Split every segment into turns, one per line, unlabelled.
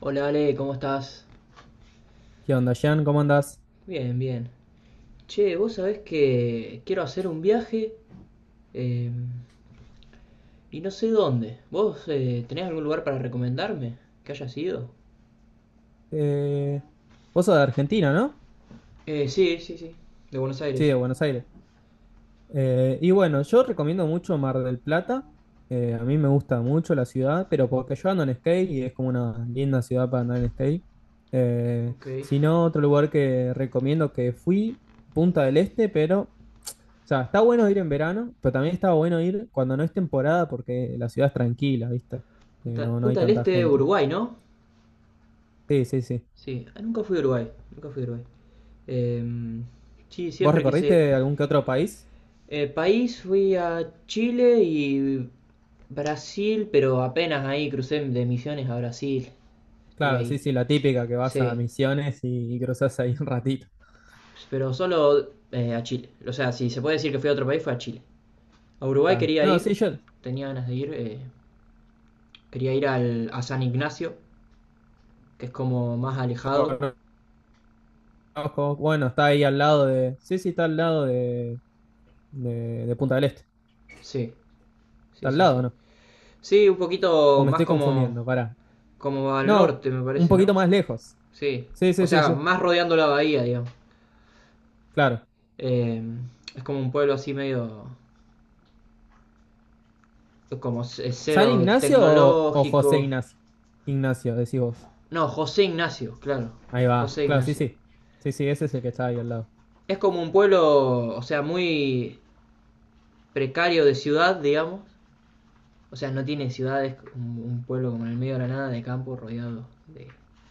Hola Ale, ¿cómo estás?
¿Qué onda, Jean? ¿Cómo andás?
Bien, bien. Che, vos sabés que quiero hacer un viaje eh, y no sé dónde. ¿Vos tenés algún lugar para recomendarme que haya sido?
Eh, Vos sos de Argentina, ¿no?
Sí, sí, sí. De Buenos
Sí,
Aires.
de Buenos Aires. Y bueno, yo recomiendo mucho Mar del Plata. A mí me gusta mucho la ciudad, pero porque yo ando en skate y es como una linda ciudad para andar en skate.
Ok.
Si no, otro lugar que recomiendo que fui, Punta del Este, pero, o sea, está bueno ir en verano, pero también está bueno ir cuando no es temporada porque la ciudad es tranquila, ¿viste?
Punta,
No, no hay
Punta del
tanta
Este,
gente.
Uruguay, ¿no?
Sí, sí, sí.
Sí. Ah, nunca fui a Uruguay. Nunca fui a Uruguay. Em, sí,
¿Vos
siempre quise.
recorriste algún que otro país?
País, fui a Chile y Brasil, pero apenas ahí crucé de Misiones a Brasil. Estuve
Claro,
ahí.
sí, sí, la típica que vas a
Sí,
Misiones y, cruzas ahí un ratito.
pero solo a Chile. O sea, si se puede decir que fui a otro país, fue a Chile. A Uruguay
Claro.
quería
No,
ir,
sí, yo
tenía ganas de ir. Quería ir a San Ignacio, que es como más alejado.
conozco, bueno, está ahí al lado de, sí, sí, está al lado de, de Punta del Este.
Sí,
Está
sí,
al
sí,
lado,
sí.
¿no?
Sí, un
O
poquito
me
más
estoy
como,
confundiendo, pará.
como al
No,
norte, me
un
parece, ¿no?
poquito más lejos.
Sí.
Sí,
O
sí, sí,
sea,
sí,
más rodeando la bahía, digamos.
claro.
Eh, es como un pueblo así medio, como
¿San
cero
Ignacio o José
tecnológico.
Ignacio? Ignacio, decís vos.
No, José Ignacio, claro.
Ahí va,
José
claro, sí,
Ignacio.
sí. Sí, sí, ese es el que está ahí al lado.
Es como un pueblo, o sea, muy precario de ciudad, digamos. O sea, no tiene ciudades, un pueblo como en el medio de la nada, de campo, rodeado de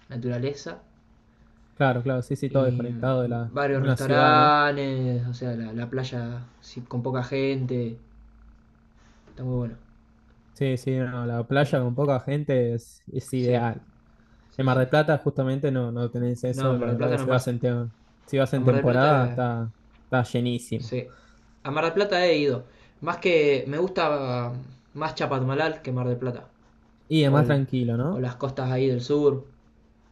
naturaleza.
Claro, claro, sí, sí, todo
Y
desconectado
varios
una ciudad, ¿no?
restaurantes, o sea, la playa sí, con poca gente. Está muy bueno.
Sí, sí, no, la
Eh,
playa con poca gente es
sí,
ideal. En
sí,
Mar del
sí.
Plata justamente no, no tenés
No,
eso,
en Mar
la
del
verdad
Plata
que
no pasa.
si vas
A
en
Mar del
temporada
Plata,
está llenísimo.
sí. A Mar del Plata he ido. Más que me gusta más Chapadmalal que Mar del Plata.
Y es
o,
más
el-
tranquilo,
o
¿no?
las costas ahí del sur,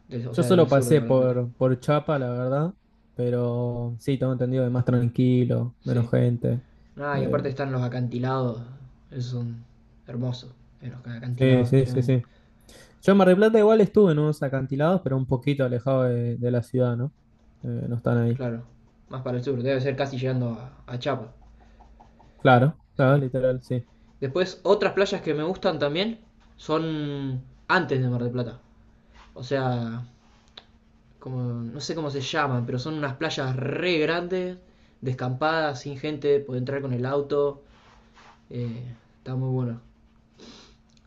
o
Yo
sea, del
solo
sur de
pasé
Mar del Plata.
por Chapa, la verdad, pero sí, tengo entendido que es más tranquilo, menos
Sí.
gente.
Nada, y
Eh,
aparte están los acantilados, esos son hermosos, los
sí,
acantilados
sí, sí,
tremendos.
sí. Yo en Mar del Plata igual estuve en unos acantilados, pero un poquito alejado de la ciudad, ¿no? No están ahí.
Claro, más para el sur, debe ser casi llegando a, Chapa.
Claro, claro,
Sí.
literal, sí.
Después, otras playas que me gustan también son antes de Mar del Plata. O sea, como, no sé cómo se llaman, pero son unas playas re grandes, descampadas, sin gente, puede entrar con el auto. eh, Está muy bueno.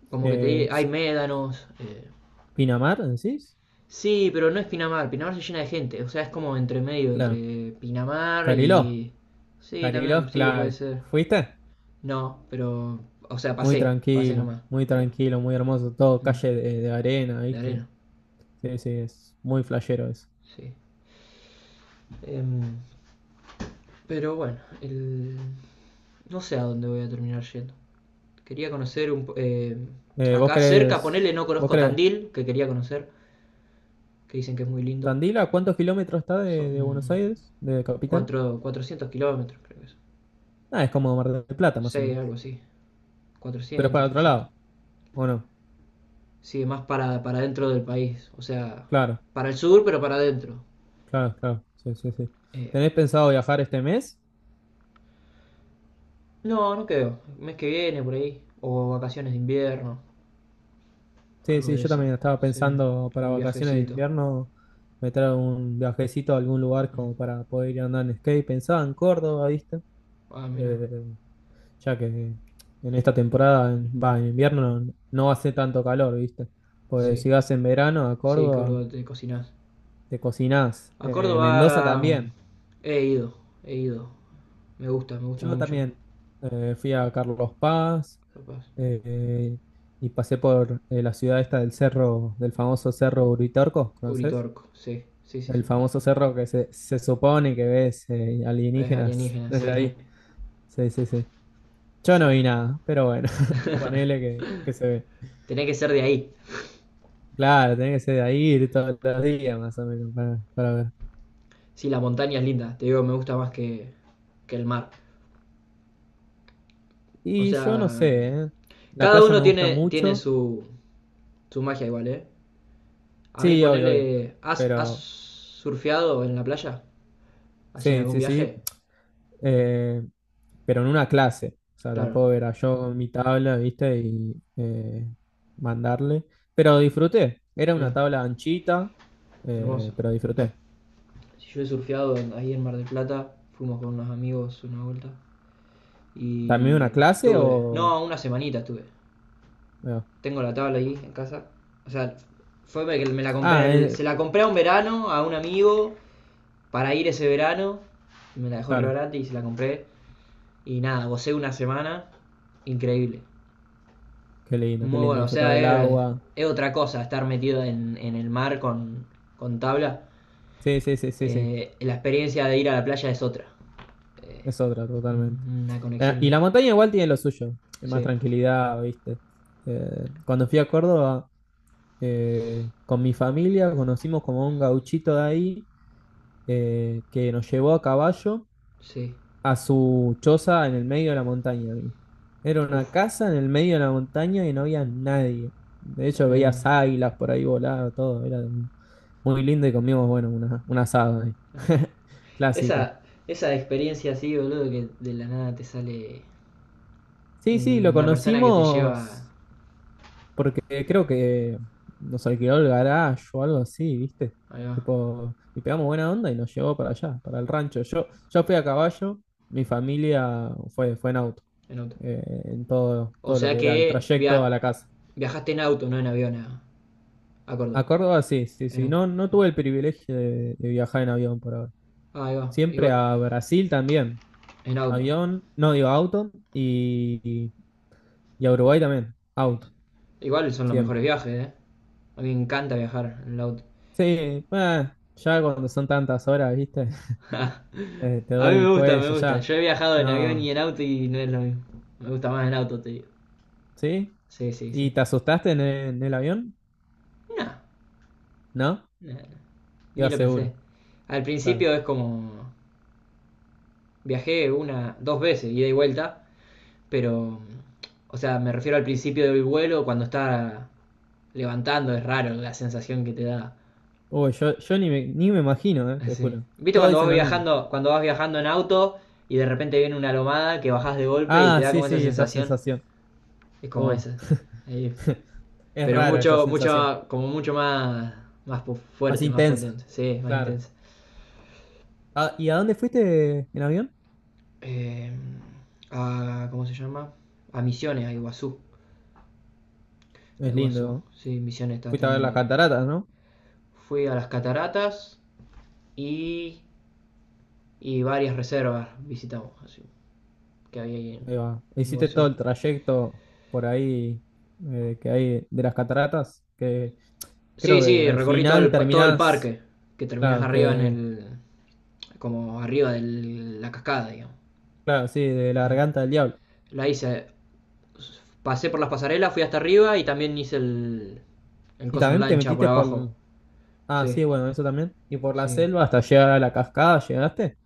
Como que
Eh,
te hay médanos. eh,
¿Pinamar, decís?
sí, pero no es Pinamar. Pinamar se llena de gente. O sea, es como entre medio,
Claro.
entre Pinamar
Cariló.
y. Sí,
Cariló es
también, sí, puede
clave.
ser.
¿Fuiste?
No, pero. O sea,
Muy
pasé
tranquilo,
nomás.
muy
Pero,
tranquilo, muy hermoso. Todo
mm,
calle de arena,
la
¿viste?
arena,
Sí, sí, es muy flashero eso.
sí. Em, pero bueno, no sé a dónde voy a terminar yendo. Quería conocer
¿Vos
acá cerca, ponele,
crees?
no
¿Vos
conozco
crees?
Tandil, que quería conocer, que dicen que es muy lindo.
¿Tandil a cuántos kilómetros está de,
Son
de Buenos Aires, de capital?
400 kilómetros, creo que es.
Ah, es como Mar del Plata, más o
Sí,
menos.
algo así.
Pero es
400,
para otro
300.
lado, ¿o no?
Sí, más para dentro del país. O sea,
Claro,
para el sur, pero para adentro.
claro, claro. Sí, sí, sí.
Eh,
¿Tenés pensado viajar este mes?
no, no creo. El mes que viene, por ahí. O vacaciones de invierno.
Sí,
Algo
sí,
de
yo
eso.
también estaba
Sí.
pensando para
Algún
vacaciones de
viajecito.
invierno meter un viajecito a algún lugar
Mm.
como para poder ir a andar en skate. Pensaba en Córdoba, ¿viste?
Ah, mira.
Eh, ya que en esta temporada, en invierno no, no hace tanto calor, ¿viste? Pues
Sí.
si vas en verano a
Sí,
Córdoba,
Córdoba, te cocinás.
te cocinás.
A
Mendoza
Córdoba
también.
he ido. He ido. Me gusta
Yo
mucho.
también fui a Carlos Paz
Capaz.
eh, y pasé por la ciudad esta del cerro, del famoso cerro Uritorco, ¿conoces?
Uritorco. Sí, sí, sí, sí.
El famoso cerro que se supone que ves
Es
alienígenas
alienígena,
desde
sí.
ahí. Sí, sí, sí. Yo no
Sí.
vi nada, pero bueno, ponele que se ve.
Tenés que ser de ahí.
Claro, tenés que ser de ahí ir todos los días más o menos para ver.
Sí, la montaña es linda, te digo, me gusta más que, el mar. O
Y yo no
sea,
sé, ¿eh? La
cada
playa
uno
me gusta
tiene
mucho.
su magia igual, ¿eh? A mí
Sí, obvio, obvio.
ponerle. ¿Has
Pero
surfeado en la playa? ¿Así en
sí,
algún
sí, sí.
viaje?
eh, pero en una clase. O sea,
Claro,
tampoco era yo con mi tabla, ¿viste? Y mandarle. Pero disfruté. Era
sí,
una tabla anchita,
hermoso.
pero disfruté.
Si yo he surfeado ahí en Mar del Plata, fuimos con unos amigos una vuelta
¿También
y
una clase o...?
no, una semanita estuve.
No?
Tengo la tabla ahí en casa. O sea, fue que me la compré,
Ah,
se la compré a un verano a un amigo para ir ese verano. Me la dejó re
claro.
barata y se la compré. Y nada, gocé una semana. Increíble.
Qué lindo, qué
Muy
lindo.
bueno, o
Disfrutar
sea,
del
es,
agua.
otra cosa estar metido en, el mar con, tabla.
Sí, sí, sí, sí, sí.
La experiencia de ir a la playa es otra.
Es otra totalmente.
Una
Y
conexión.
la montaña igual tiene lo suyo, más
Sí,
tranquilidad, ¿viste? Cuando fui a Córdoba, con mi familia conocimos como un gauchito de ahí que nos llevó a caballo
sí.
a su choza en el medio de la montaña, amigo. Era una
Uf,
casa en el medio de la montaña y no había nadie. De hecho,
tremendo.
veías águilas por ahí volar, todo. Era muy lindo y comimos, bueno, un asado ahí. Clásico.
Esa, esa experiencia así, boludo, que de la nada te sale
Sí, sí, lo
una persona que te lleva.
conocimos. Porque creo que nos alquiló el garage o algo así, ¿viste?
Ahí va,
Tipo, y pegamos buena onda y nos llevó para allá, para el rancho. Yo fui a caballo, mi familia fue, en auto,
en auto.
en todo,
O
todo lo
sea
que
que
era el trayecto a la casa.
viajaste en auto, no en avión a, Córdoba.
A Córdoba sí, sí,
En
sí.
auto,
No, no
sí.
tuve el privilegio de viajar en avión por ahora.
Ah, ahí va.
Siempre a Brasil también,
En auto.
avión, no digo auto, y a Uruguay también,
Sí. Sí.
auto,
Igual son los
siempre.
mejores viajes, ¿eh? A mí me encanta viajar en el auto.
Sí, ya cuando son tantas horas, ¿viste? Te
A mí
duele
me
el
gusta, me
cuello
gusta.
ya.
Yo he viajado en avión y
No,
en auto y no es lo mismo. Me gusta más en auto, te digo.
¿sí?
Sí, sí, sí.
¿Y te asustaste en el avión?
No,
¿No?
no, no. Ni
Iba
lo
seguro,
pensé. Al
claro.
principio es como. Viajé una, dos veces, ida y vuelta, pero. O sea, me refiero al principio del vuelo, cuando está levantando, es raro la sensación que te da.
Uy, yo ni me, ni me imagino, te
Así.
juro.
¿Viste
Todos
cuando vas
dicen lo mismo.
viajando, en auto y de repente viene una lomada que bajás de golpe y te
Ah,
da
sí,
como esa
sí, esa
sensación?
sensación.
Es como
Uh,
esa. Ahí.
es
Pero
rara esa
mucho,
sensación.
mucho, como mucho más
Más
fuerte, más
intensa,
potente, sí, más
claro.
intensa.
Ah, ¿y a dónde fuiste en avión?
Eh, ¿Cómo se llama? A Misiones, a Iguazú. A
Es lindo,
Iguazú,
¿no?
sí, Misiones está
Fuiste a ver las
tremendo también.
cataratas, ¿no?
Fui a las cataratas y, y varias reservas visitamos así, que había ahí en
Ahí va. Hiciste todo
Iguazú.
el trayecto por ahí que hay de las cataratas, que
Sí,
creo que
sí,
al
recorrí todo
final
el, todo el
terminás.
parque, que terminás
Claro,
arriba en
que,
el, como arriba de la cascada, digamos.
claro, sí, de la
Sí.
garganta del diablo.
La hice, pasé por las pasarelas, fui hasta arriba y también hice el
Y
coso en
también te
lancha por
metiste por,
abajo.
ah,
Sí,
sí, bueno, eso también. Y por la
sí.
selva hasta llegar a la cascada, ¿llegaste?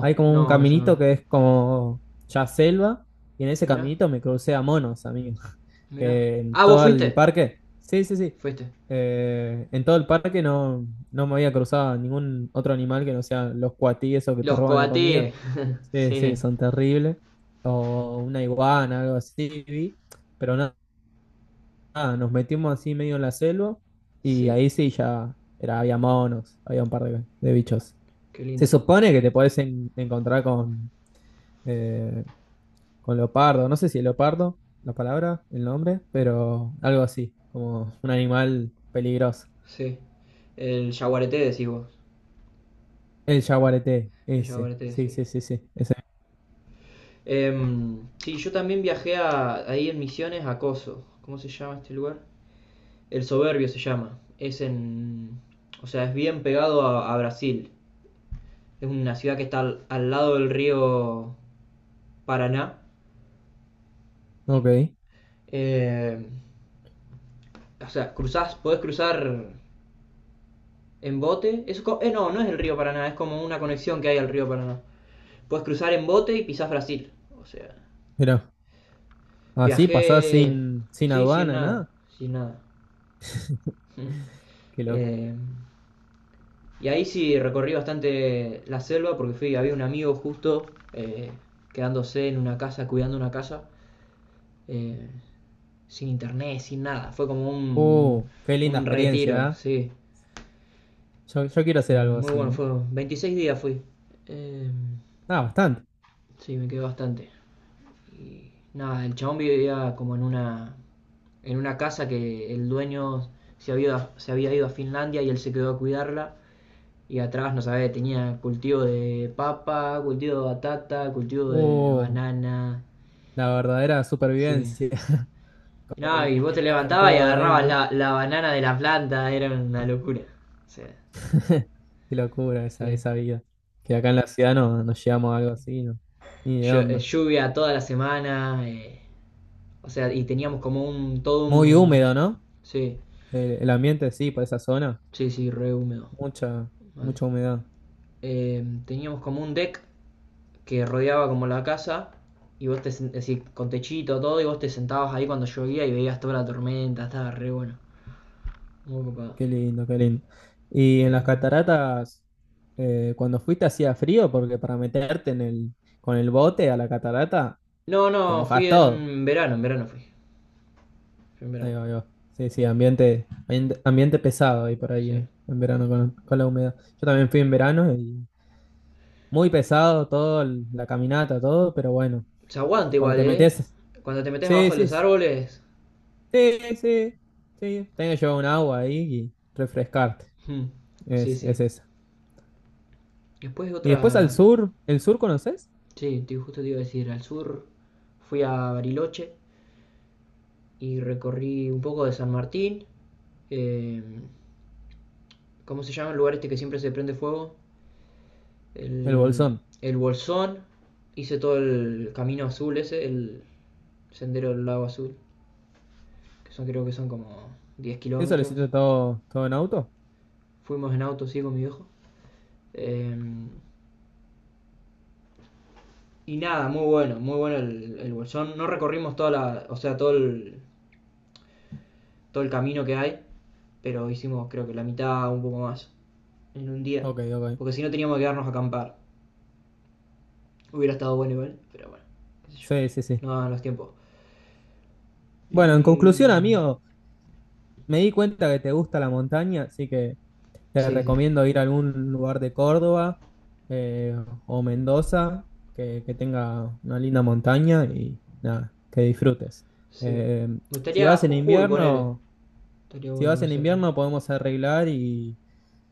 Hay como un
no, eso no.
caminito que es como ya selva, y en ese
Mirá,
caminito me crucé a monos, amigo,
mirá.
que en
Ah, vos
todo el
fuiste.
parque, sí, sí, sí,
Fuiste.
en todo el parque no, no me había cruzado ningún otro animal que no sean los cuatíes o que te
Los
roban la comida.
coatíes.
Sí, sí,
Sí,
son terribles. O una iguana, algo así, vi. Pero nada nada, nos metimos así medio en la selva y
sí.
ahí sí ya era, había monos, había un par de bichos.
Qué
Se
lindo.
supone que te podés encontrar eh, con leopardo, no sé si leopardo, la palabra, el nombre, pero algo así, como un animal peligroso.
Sí. El yaguareté decís vos.
El yaguareté,
El
ese,
yaguareté,
sí,
sí.
sí, sí, sí, ese.
Sí, yo también viajé ahí en Misiones a Coso. ¿Cómo se llama este lugar? El Soberbio se llama. O sea, es bien pegado a, Brasil. Es una ciudad que está al lado del río Paraná.
Ok,
Eh, o sea, cruzás, podés cruzar en bote. Eso, no, no es el río Paraná, es como una conexión que hay al río Paraná. Puedes cruzar en bote y pisás Brasil. O sea,
mira, así pasás
viajé...
sin
sí, sin
aduana,
nada,
nada,
sin nada.
qué loco.
Eh, y ahí sí recorrí bastante la selva porque fui, había un amigo justo eh, quedándose en una casa, cuidando una casa, eh, sin internet, sin nada. Fue como un,
Qué linda
un
experiencia,
retiro,
¿eh?
sí.
Yo quiero hacer algo
Muy
así,
bueno,
¿eh?
fue 26 días fui. Eh,
Ah, bastante.
sí, me quedé bastante. Nada, el chabón vivía como en una casa que el dueño se había ido a Finlandia y él se quedó a cuidarla. Y atrás, no sabés, tenía cultivo de papa, cultivo de batata, cultivo de
Oh,
banana.
la verdadera
Sí.
supervivencia,
Y no, y vos te
comía
levantabas y
todo de ahí,
agarrabas
¿no?
la banana de la planta, era una locura. O sea,
Qué locura esa,
sí.
esa vida. Que acá en la ciudad no, no llegamos a algo así, ¿no? Ni de onda.
Lluvia toda la semana, o sea, y teníamos como todo
Muy
un.
húmedo, ¿no?
Sí,
El ambiente, sí, por esa zona.
sí, sí, re húmedo.
Mucha,
Mal.
mucha humedad.
Teníamos como un deck que rodeaba como la casa, y vos te, es decir, con techito, todo, y vos te sentabas ahí cuando llovía y veías toda la tormenta, estaba re bueno. Muy copado.
Qué lindo, qué lindo. Y en las
Em,
cataratas, cuando fuiste hacía frío, porque para meterte en el, con el bote a la catarata,
no,
te
no, fui
mojas todo.
en verano fui. Fui en
Ahí
verano,
va, ahí va. Sí, sí, ambiente, ambiente pesado ahí por ahí,
sí.
en verano con la humedad. Yo también fui en verano y muy pesado todo, la caminata, todo, pero bueno,
Se aguanta
cuando
igual,
te
¿eh?
metes,
Cuando te metes
sí,
abajo de
sí,
los
sí,
árboles.
sí, sí, sí, tenés que llevar un agua ahí y refrescarte,
Hmm, sí,
es,
sí.
es esa.
Después
Y después al
otra.
sur, ¿el sur conoces?
Sí, justo te iba a decir, al sur fui a Bariloche y recorrí un poco de San Martín. em, ¿cómo se llama el lugar este que siempre se prende fuego?
El
El,
Bolsón.
el Bolsón. Hice todo el camino azul ese, el sendero del lago azul, que son, creo que son como 10
¿Eso lo
kilómetros.
hiciste todo, todo en auto?
Fuimos en auto, sí, con mi viejo. Eh, y nada, muy bueno, muy bueno el Bolsón. No recorrimos toda la, o sea, todo el camino que hay, pero hicimos creo que la mitad, un poco más, en un día.
Ok, ok.
Porque si no teníamos que quedarnos a acampar. Hubiera estado bueno igual, pero bueno, qué sé yo.
Sí, sí, sí.
No daban los tiempos.
Bueno, en
Y...
conclusión,
mm,
amigo, me di cuenta que te gusta la montaña, así que te
Sí, sí,
recomiendo ir a algún lugar de Córdoba eh, o Mendoza que tenga una linda montaña y nada, que disfrutes.
sí.
Eh,
Me
si
gustaría
vas en
Jujuy, ponele.
invierno,
Estaría
si
bueno
vas en
conocer también.
invierno podemos arreglar y,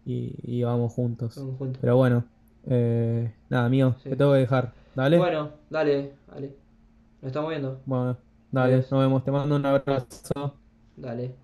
y- y vamos juntos.
Vamos juntos,
Pero bueno, nada, amigo, te
sí.
tengo que dejar. ¿Dale?
Bueno, dale, dale. Nos estamos viendo.
Bueno, dale,
Adiós.
nos vemos. Te mando un abrazo.
Dale.